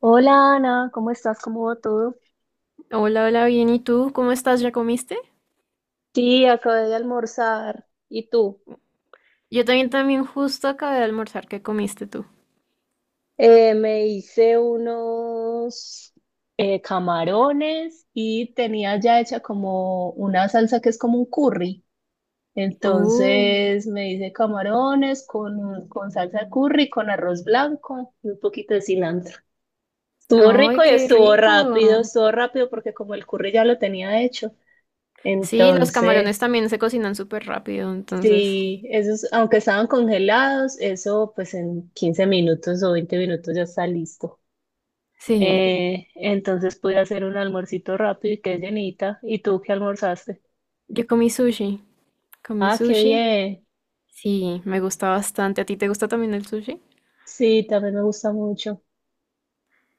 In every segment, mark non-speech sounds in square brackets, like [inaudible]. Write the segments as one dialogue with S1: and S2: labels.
S1: Hola Ana, ¿cómo estás? ¿Cómo va todo?
S2: Hola, hola, bien. ¿Y tú? ¿Cómo estás? ¿Ya comiste?
S1: Sí, acabé de almorzar. ¿Y tú?
S2: Yo también, también justo acabé de almorzar. ¿Qué comiste tú?
S1: Me hice unos camarones y tenía ya hecha como una salsa que es como un curry.
S2: Oh.
S1: Entonces me hice camarones con salsa curry, con arroz blanco y un poquito de cilantro. Estuvo
S2: ¡Ay,
S1: rico y
S2: qué rico!
S1: estuvo rápido porque como el curry ya lo tenía hecho.
S2: Sí, los camarones
S1: Entonces...
S2: también se cocinan súper rápido, entonces.
S1: Sí, esos, aunque estaban congelados, eso pues en 15 minutos o 20 minutos ya está listo.
S2: Sí,
S1: Entonces pude hacer un almuercito rápido y quedé llenita. ¿Y tú qué almorzaste?
S2: yo comí sushi. Comí
S1: Ah, qué
S2: sushi.
S1: bien.
S2: Sí, me gusta bastante. ¿A ti te gusta también el sushi?
S1: Sí, también me gusta mucho.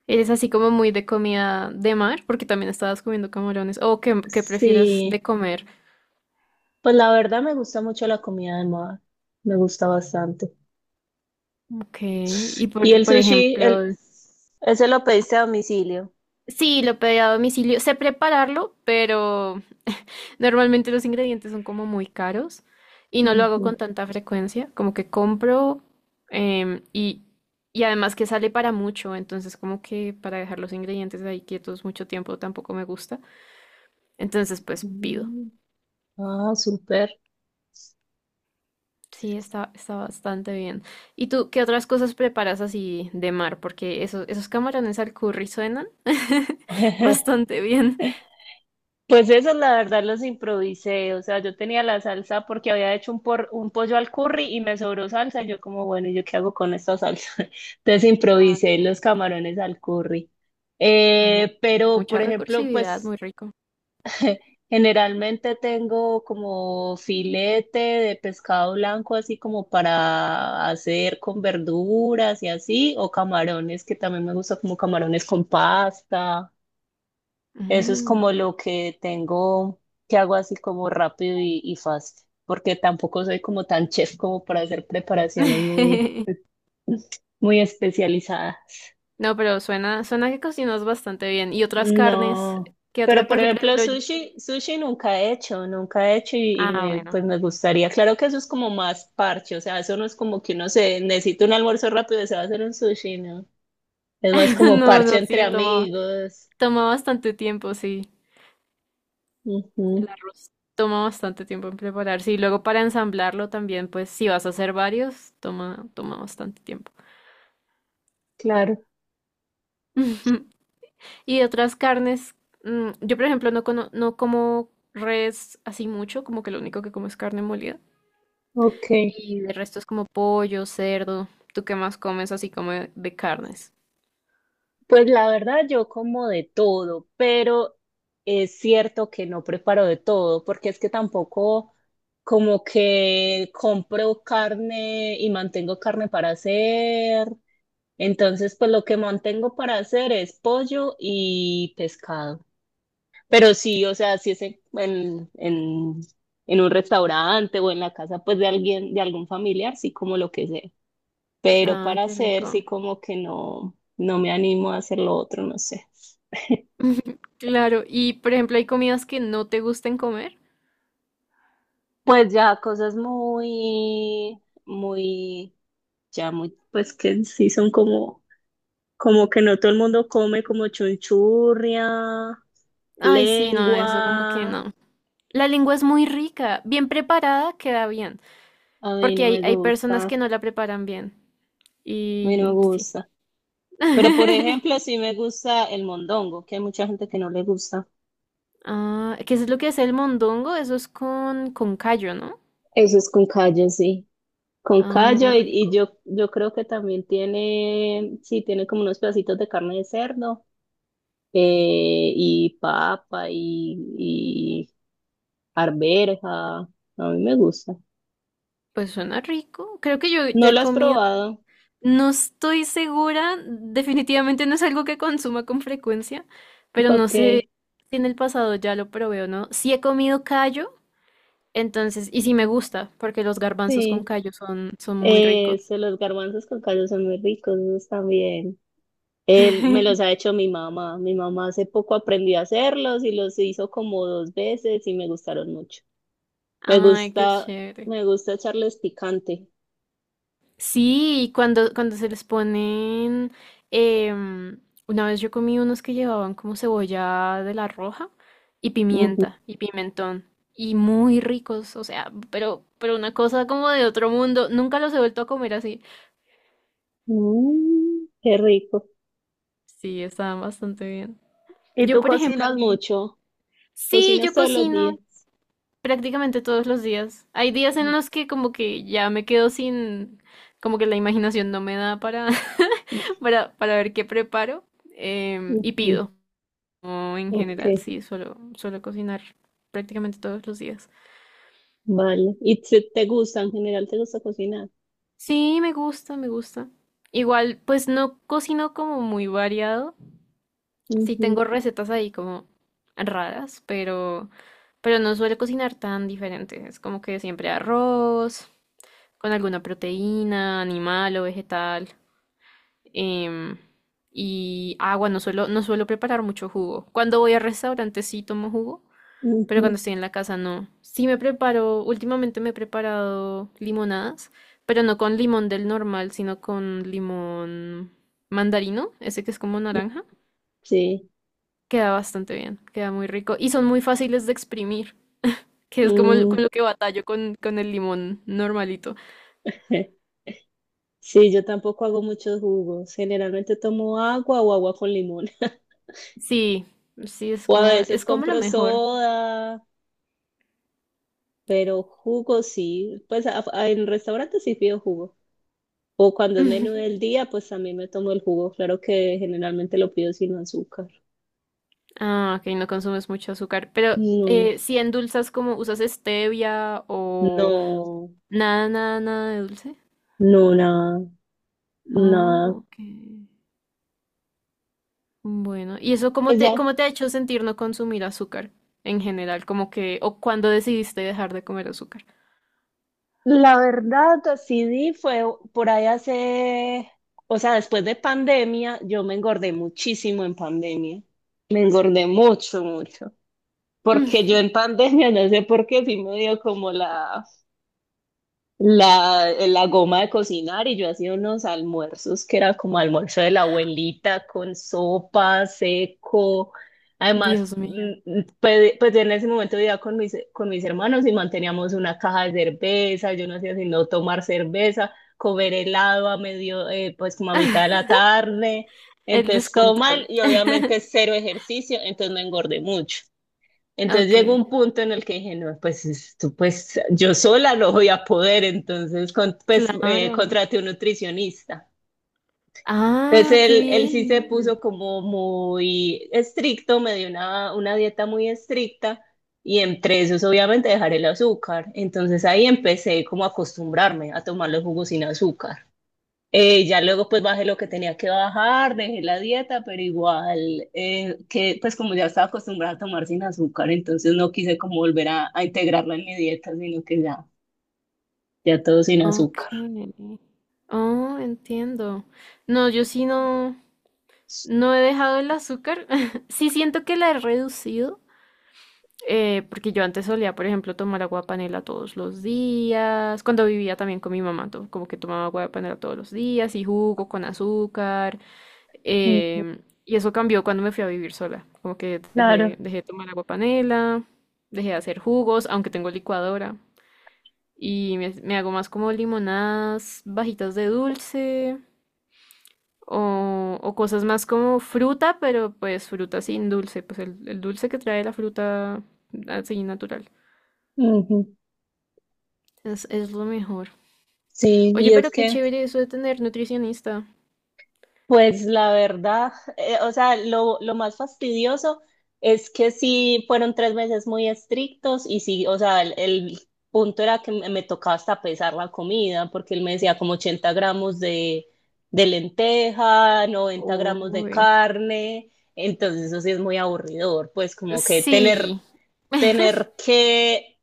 S2: ¿Eres así como muy de comida de mar? Porque también estabas comiendo camarones. ¿O qué, qué prefieres de
S1: Sí,
S2: comer?
S1: pues la verdad me gusta mucho la comida de mar. Me gusta bastante.
S2: Ok, y
S1: ¿Y
S2: por,
S1: el
S2: por
S1: sushi? El,
S2: ejemplo...
S1: ese lo pediste a domicilio.
S2: Sí, lo pedí a domicilio. Sé prepararlo, pero normalmente los ingredientes son como muy caros y no lo hago
S1: Ujú.
S2: con tanta frecuencia, como que compro em, y, y además que sale para mucho, entonces como que para dejar los ingredientes ahí quietos mucho tiempo tampoco me gusta. Entonces pues pido.
S1: Mm. Ah, súper.
S2: Sí, está, está bastante bien. ¿Y tú qué otras cosas preparas así de mar? Porque esos, esos camarones al curry suenan [laughs]
S1: [laughs]
S2: bastante bien.
S1: Pues eso, la verdad, los improvisé. O sea, yo tenía la salsa porque había hecho un pollo al curry y me sobró salsa. Y yo como, bueno, ¿y yo qué hago con esta salsa? [laughs] Entonces
S2: Ah,
S1: improvisé
S2: sí.
S1: los camarones al curry.
S2: Ah, no, pero
S1: Pero,
S2: mucha
S1: por ejemplo,
S2: recursividad,
S1: pues
S2: muy rico.
S1: generalmente tengo como filete de pescado blanco, así como para hacer con verduras y así, o camarones, que también me gusta como camarones con pasta. Eso es
S2: Mm.
S1: como lo que tengo, que hago así como rápido y fácil, porque tampoco soy como tan chef como para hacer preparaciones muy,
S2: [laughs]
S1: muy especializadas.
S2: No, pero suena, suena que cocinas bastante bien. ¿Y otras carnes?
S1: No,
S2: ¿Qué
S1: pero
S2: otra?
S1: por
S2: Porque, por
S1: ejemplo
S2: ejemplo,
S1: sushi, sushi nunca he hecho, nunca he hecho
S2: ah, bueno.
S1: pues me gustaría. Claro que eso es como más parche, o sea, eso no es como que uno se necesita un almuerzo rápido y se va a hacer un sushi, ¿no? Es más
S2: [laughs]
S1: como
S2: No,
S1: parche
S2: no,
S1: entre sí,
S2: sí, toma,
S1: amigos.
S2: toma bastante tiempo, sí.
S1: Ujú,
S2: El arroz toma bastante tiempo en prepararse. Y luego para ensamblarlo también, pues, si vas a hacer varios, toma, toma bastante tiempo.
S1: claro,
S2: [laughs] Y de otras carnes, mm, yo, por ejemplo, no, no como res así mucho, como que lo único que como es carne molida.
S1: ok.
S2: Y de resto es como pollo, cerdo. ¿Tú qué más comes así como de carnes?
S1: Pues la verdad, yo como de todo, pero es cierto que no preparo de todo, porque es que tampoco como que compro carne y mantengo carne para hacer. Entonces, pues lo que mantengo para hacer es pollo y pescado. Pero sí, o sea, si es en un restaurante o en la casa, pues de alguien, de algún familiar, sí como lo que sea, pero
S2: Ah,
S1: para
S2: qué
S1: hacer sí
S2: rico.
S1: como que no, no me animo a hacer lo otro, no sé.
S2: [laughs] Claro, y por ejemplo, hay comidas que no te gusten comer.
S1: Pues ya cosas muy, muy, ya muy, pues que sí son como, como que no todo el mundo come como chunchurria,
S2: Ay, sí, no, eso como que
S1: lengua,
S2: no. La lengua es muy rica, bien preparada queda bien,
S1: a mí
S2: porque
S1: no
S2: hay,
S1: me
S2: hay personas
S1: gusta,
S2: que
S1: a
S2: no la preparan bien.
S1: mí no me
S2: Y sí.
S1: gusta. Pero por
S2: [laughs]
S1: ejemplo, sí me gusta el mondongo, que hay mucha gente que no le gusta.
S2: Ah, ¿qué es lo que hace el mondongo? Eso es con callo, ¿no?
S1: Eso es con callo, sí. Con
S2: Ah, no,
S1: callo y
S2: rico.
S1: yo, yo creo que también tiene, sí, tiene como unos pedacitos de carne de cerdo, y papa y arveja. A mí me gusta.
S2: Pues suena rico. Creo que yo
S1: ¿No
S2: he
S1: lo has
S2: comido.
S1: probado?
S2: No estoy segura, definitivamente no es algo que consuma con frecuencia,
S1: [laughs]
S2: pero no
S1: Ok.
S2: sé si en el pasado ya lo probé o no. Sí he comido callo, entonces, y sí me gusta, porque los garbanzos con
S1: Sí.
S2: callo son, son muy ricos.
S1: Eso, los garbanzos con callo son muy ricos, esos también. Él me los ha
S2: [laughs]
S1: hecho mi mamá. Mi mamá hace poco aprendió a hacerlos y los hizo como 2 veces y me gustaron mucho. Me
S2: Ay, qué
S1: gusta,
S2: chévere.
S1: me gusta echarles picante.
S2: Sí, y cuando, cuando se les ponen, em, una vez yo comí unos que llevaban como cebolla de la roja y pimienta y pimentón y muy ricos, o sea, pero una cosa como de otro mundo, nunca los he vuelto a comer así.
S1: Mm, qué rico.
S2: Sí, estaban bastante bien.
S1: ¿Y
S2: Yo,
S1: tú
S2: por ejemplo,
S1: cocinas mucho?
S2: sí,
S1: ¿Cocinas
S2: yo
S1: todos los
S2: cocino,
S1: días?
S2: prácticamente todos los días. Hay días en los que como que ya me quedo sin, como que la imaginación no me da para, [laughs] para ver qué preparo y
S1: Ujú,
S2: pido. O en
S1: ok,
S2: general, sí, suelo, suelo cocinar prácticamente todos los días.
S1: vale. ¿Y te gusta, en general te gusta cocinar?
S2: Sí, me gusta, me gusta. Igual, pues no cocino como muy variado. Sí
S1: Ujú,
S2: tengo recetas ahí como raras, pero no suelo cocinar tan diferente. Es como que siempre arroz con alguna proteína, animal o vegetal. em, y agua, no suelo, no suelo preparar mucho jugo. Cuando voy a restaurantes sí tomo jugo, pero
S1: ujú,
S2: cuando estoy en la casa no. Sí me preparo, últimamente me he preparado limonadas, pero no con limón del normal, sino con limón mandarino, ese que es como
S1: ujú.
S2: naranja.
S1: Sí.
S2: Queda bastante bien, queda muy rico y son muy fáciles de exprimir, que es como
S1: Mm,
S2: con lo que batallo con el limón normalito.
S1: [laughs] sí, yo tampoco hago muchos jugos. Generalmente tomo agua o agua con limón. [laughs]
S2: Sí, sí,
S1: O a veces
S2: es como lo
S1: compro
S2: mejor.
S1: soda, pero jugo sí. Pues en restaurantes sí pido jugo. O cuando
S2: [laughs]
S1: es
S2: Ujú.
S1: menú del día, pues también me tomo el jugo. Claro que generalmente lo pido sin azúcar.
S2: Ah, ok, no consumes mucho azúcar. Pero
S1: No,
S2: si endulzas como usas stevia o
S1: no,
S2: nada, nada, nada de dulce.
S1: no, nada,
S2: Oh,
S1: nada.
S2: ok. Bueno, ¿y eso
S1: Pues ya,
S2: cómo te ha hecho sentir no consumir azúcar en general? Como que, o cuando decidiste dejar de comer azúcar. [laughs]
S1: la verdad, sí di fue por ahí hace, o sea, después de pandemia, yo me engordé muchísimo en pandemia. Me engordé mucho, mucho.
S2: Mm,
S1: Porque yo en pandemia, [laughs] no sé por qué, sí me dio como la goma de cocinar y yo hacía unos almuerzos que era como almuerzo de la abuelita con sopa, seco. Además,
S2: Dios mío,
S1: pues, pues en ese momento vivía con mis hermanos y manteníamos una caja de cerveza, yo no hacía sino tomar cerveza, comer helado a medio, pues como a mitad de la tarde.
S2: el
S1: Entonces todo
S2: descontrol.
S1: mal y obviamente
S2: [laughs]
S1: cero ejercicio, entonces me engordé mucho. Entonces
S2: Ok,
S1: llegó un punto en el que dije, no, pues, esto, pues yo sola no voy a poder, entonces
S2: claro.
S1: contraté un nutricionista. Entonces
S2: Ah, qué
S1: él sí se
S2: bien.
S1: puso como muy estricto, me dio una dieta muy estricta y entre esos obviamente dejar el azúcar. Entonces ahí empecé como a acostumbrarme a tomar los jugos sin azúcar. Ya luego pues bajé lo que tenía que bajar, dejé la dieta, pero igual que pues como ya estaba acostumbrada a tomar sin azúcar, entonces no quise como volver a integrarla en mi dieta, sino que ya, ya todo sin
S2: Ok.
S1: azúcar.
S2: Oh, entiendo. No, yo sí no. No he dejado el azúcar. [laughs] Sí siento que la he reducido, porque yo antes solía, por ejemplo, tomar agua de panela todos los días. Cuando vivía también con mi mamá, como que tomaba agua de panela todos los días y jugo con azúcar.
S1: Mm,
S2: em, y eso cambió cuando me fui a vivir sola. Como que
S1: claro.
S2: dejé, dejé de tomar agua de panela, dejé de hacer jugos, aunque tengo licuadora. Y me hago más como limonadas, bajitas de dulce o cosas más como fruta, pero pues fruta sin dulce, pues el dulce que trae la fruta así natural.
S1: Ujú.
S2: Es lo mejor.
S1: Sí,
S2: Oye,
S1: y es
S2: pero qué
S1: que
S2: chévere eso de tener nutricionista.
S1: pues la verdad, o sea, lo más fastidioso es que sí fueron 3 meses muy estrictos y sí, o sea, el punto era que me tocaba hasta pesar la comida, porque él me decía como 80 gramos de lenteja, 90 gramos de
S2: Uy.
S1: carne, entonces eso sí es muy aburridor, pues como que tener,
S2: Sí.
S1: tener que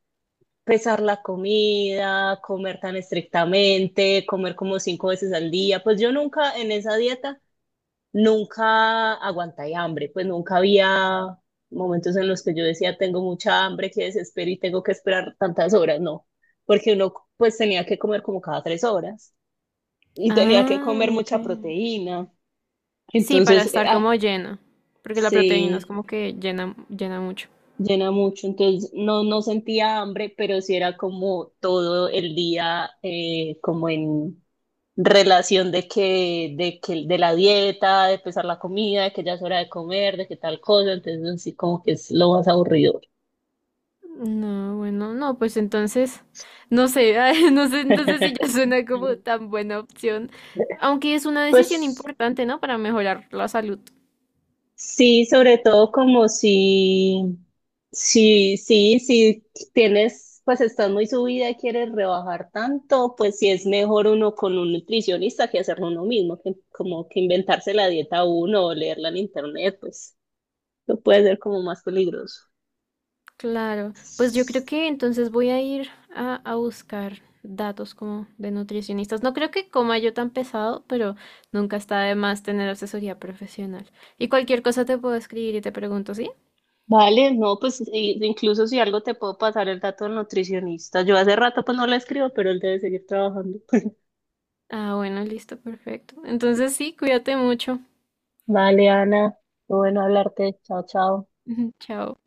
S1: pesar la comida, comer tan estrictamente, comer como 5 veces al día, pues yo nunca en esa dieta nunca aguanté hambre, pues nunca había momentos en los que yo decía, tengo mucha hambre, que desespero y tengo que esperar tantas horas, no, porque uno pues tenía que comer como cada 3 horas y tenía que
S2: Ah,
S1: comer
S2: ok.
S1: mucha proteína,
S2: Sí, para
S1: entonces,
S2: estar como llena, porque la proteína es
S1: sí,
S2: como que llena, llena mucho.
S1: llena mucho, entonces no, no sentía hambre, pero sí era como todo el día como en relación de de la dieta, de empezar la comida, de que ya es hora de comer, de que tal cosa, entonces sí como que es lo más aburrido.
S2: No, bueno, no, pues entonces, no sé, [laughs] ay, no sé, entonces si ya
S1: [laughs]
S2: suena como tan buena opción, aunque es una decisión
S1: Pues
S2: importante, ¿no? Para mejorar la salud.
S1: sí, sobre todo como si, sí, si tienes, pues estás muy subida y quieres rebajar tanto, pues sí es mejor uno con un nutricionista que hacerlo uno mismo, que como que inventarse la dieta uno o leerla en internet, pues lo puede ser como más peligroso.
S2: Claro, pues yo creo que entonces voy a ir a buscar datos como de nutricionistas. No creo que coma yo tan pesado, pero nunca está de más tener asesoría profesional. Y cualquier cosa te puedo escribir y te pregunto, ¿sí?
S1: Vale, no, pues incluso si algo te puedo pasar el dato del nutricionista. Yo hace rato pues no le escribo, pero él debe seguir trabajando. [laughs]
S2: Ah, bueno, listo, perfecto. Entonces sí, cuídate mucho.
S1: Vale, Ana, muy bueno hablarte. Chao, chao.
S2: [laughs] Chao.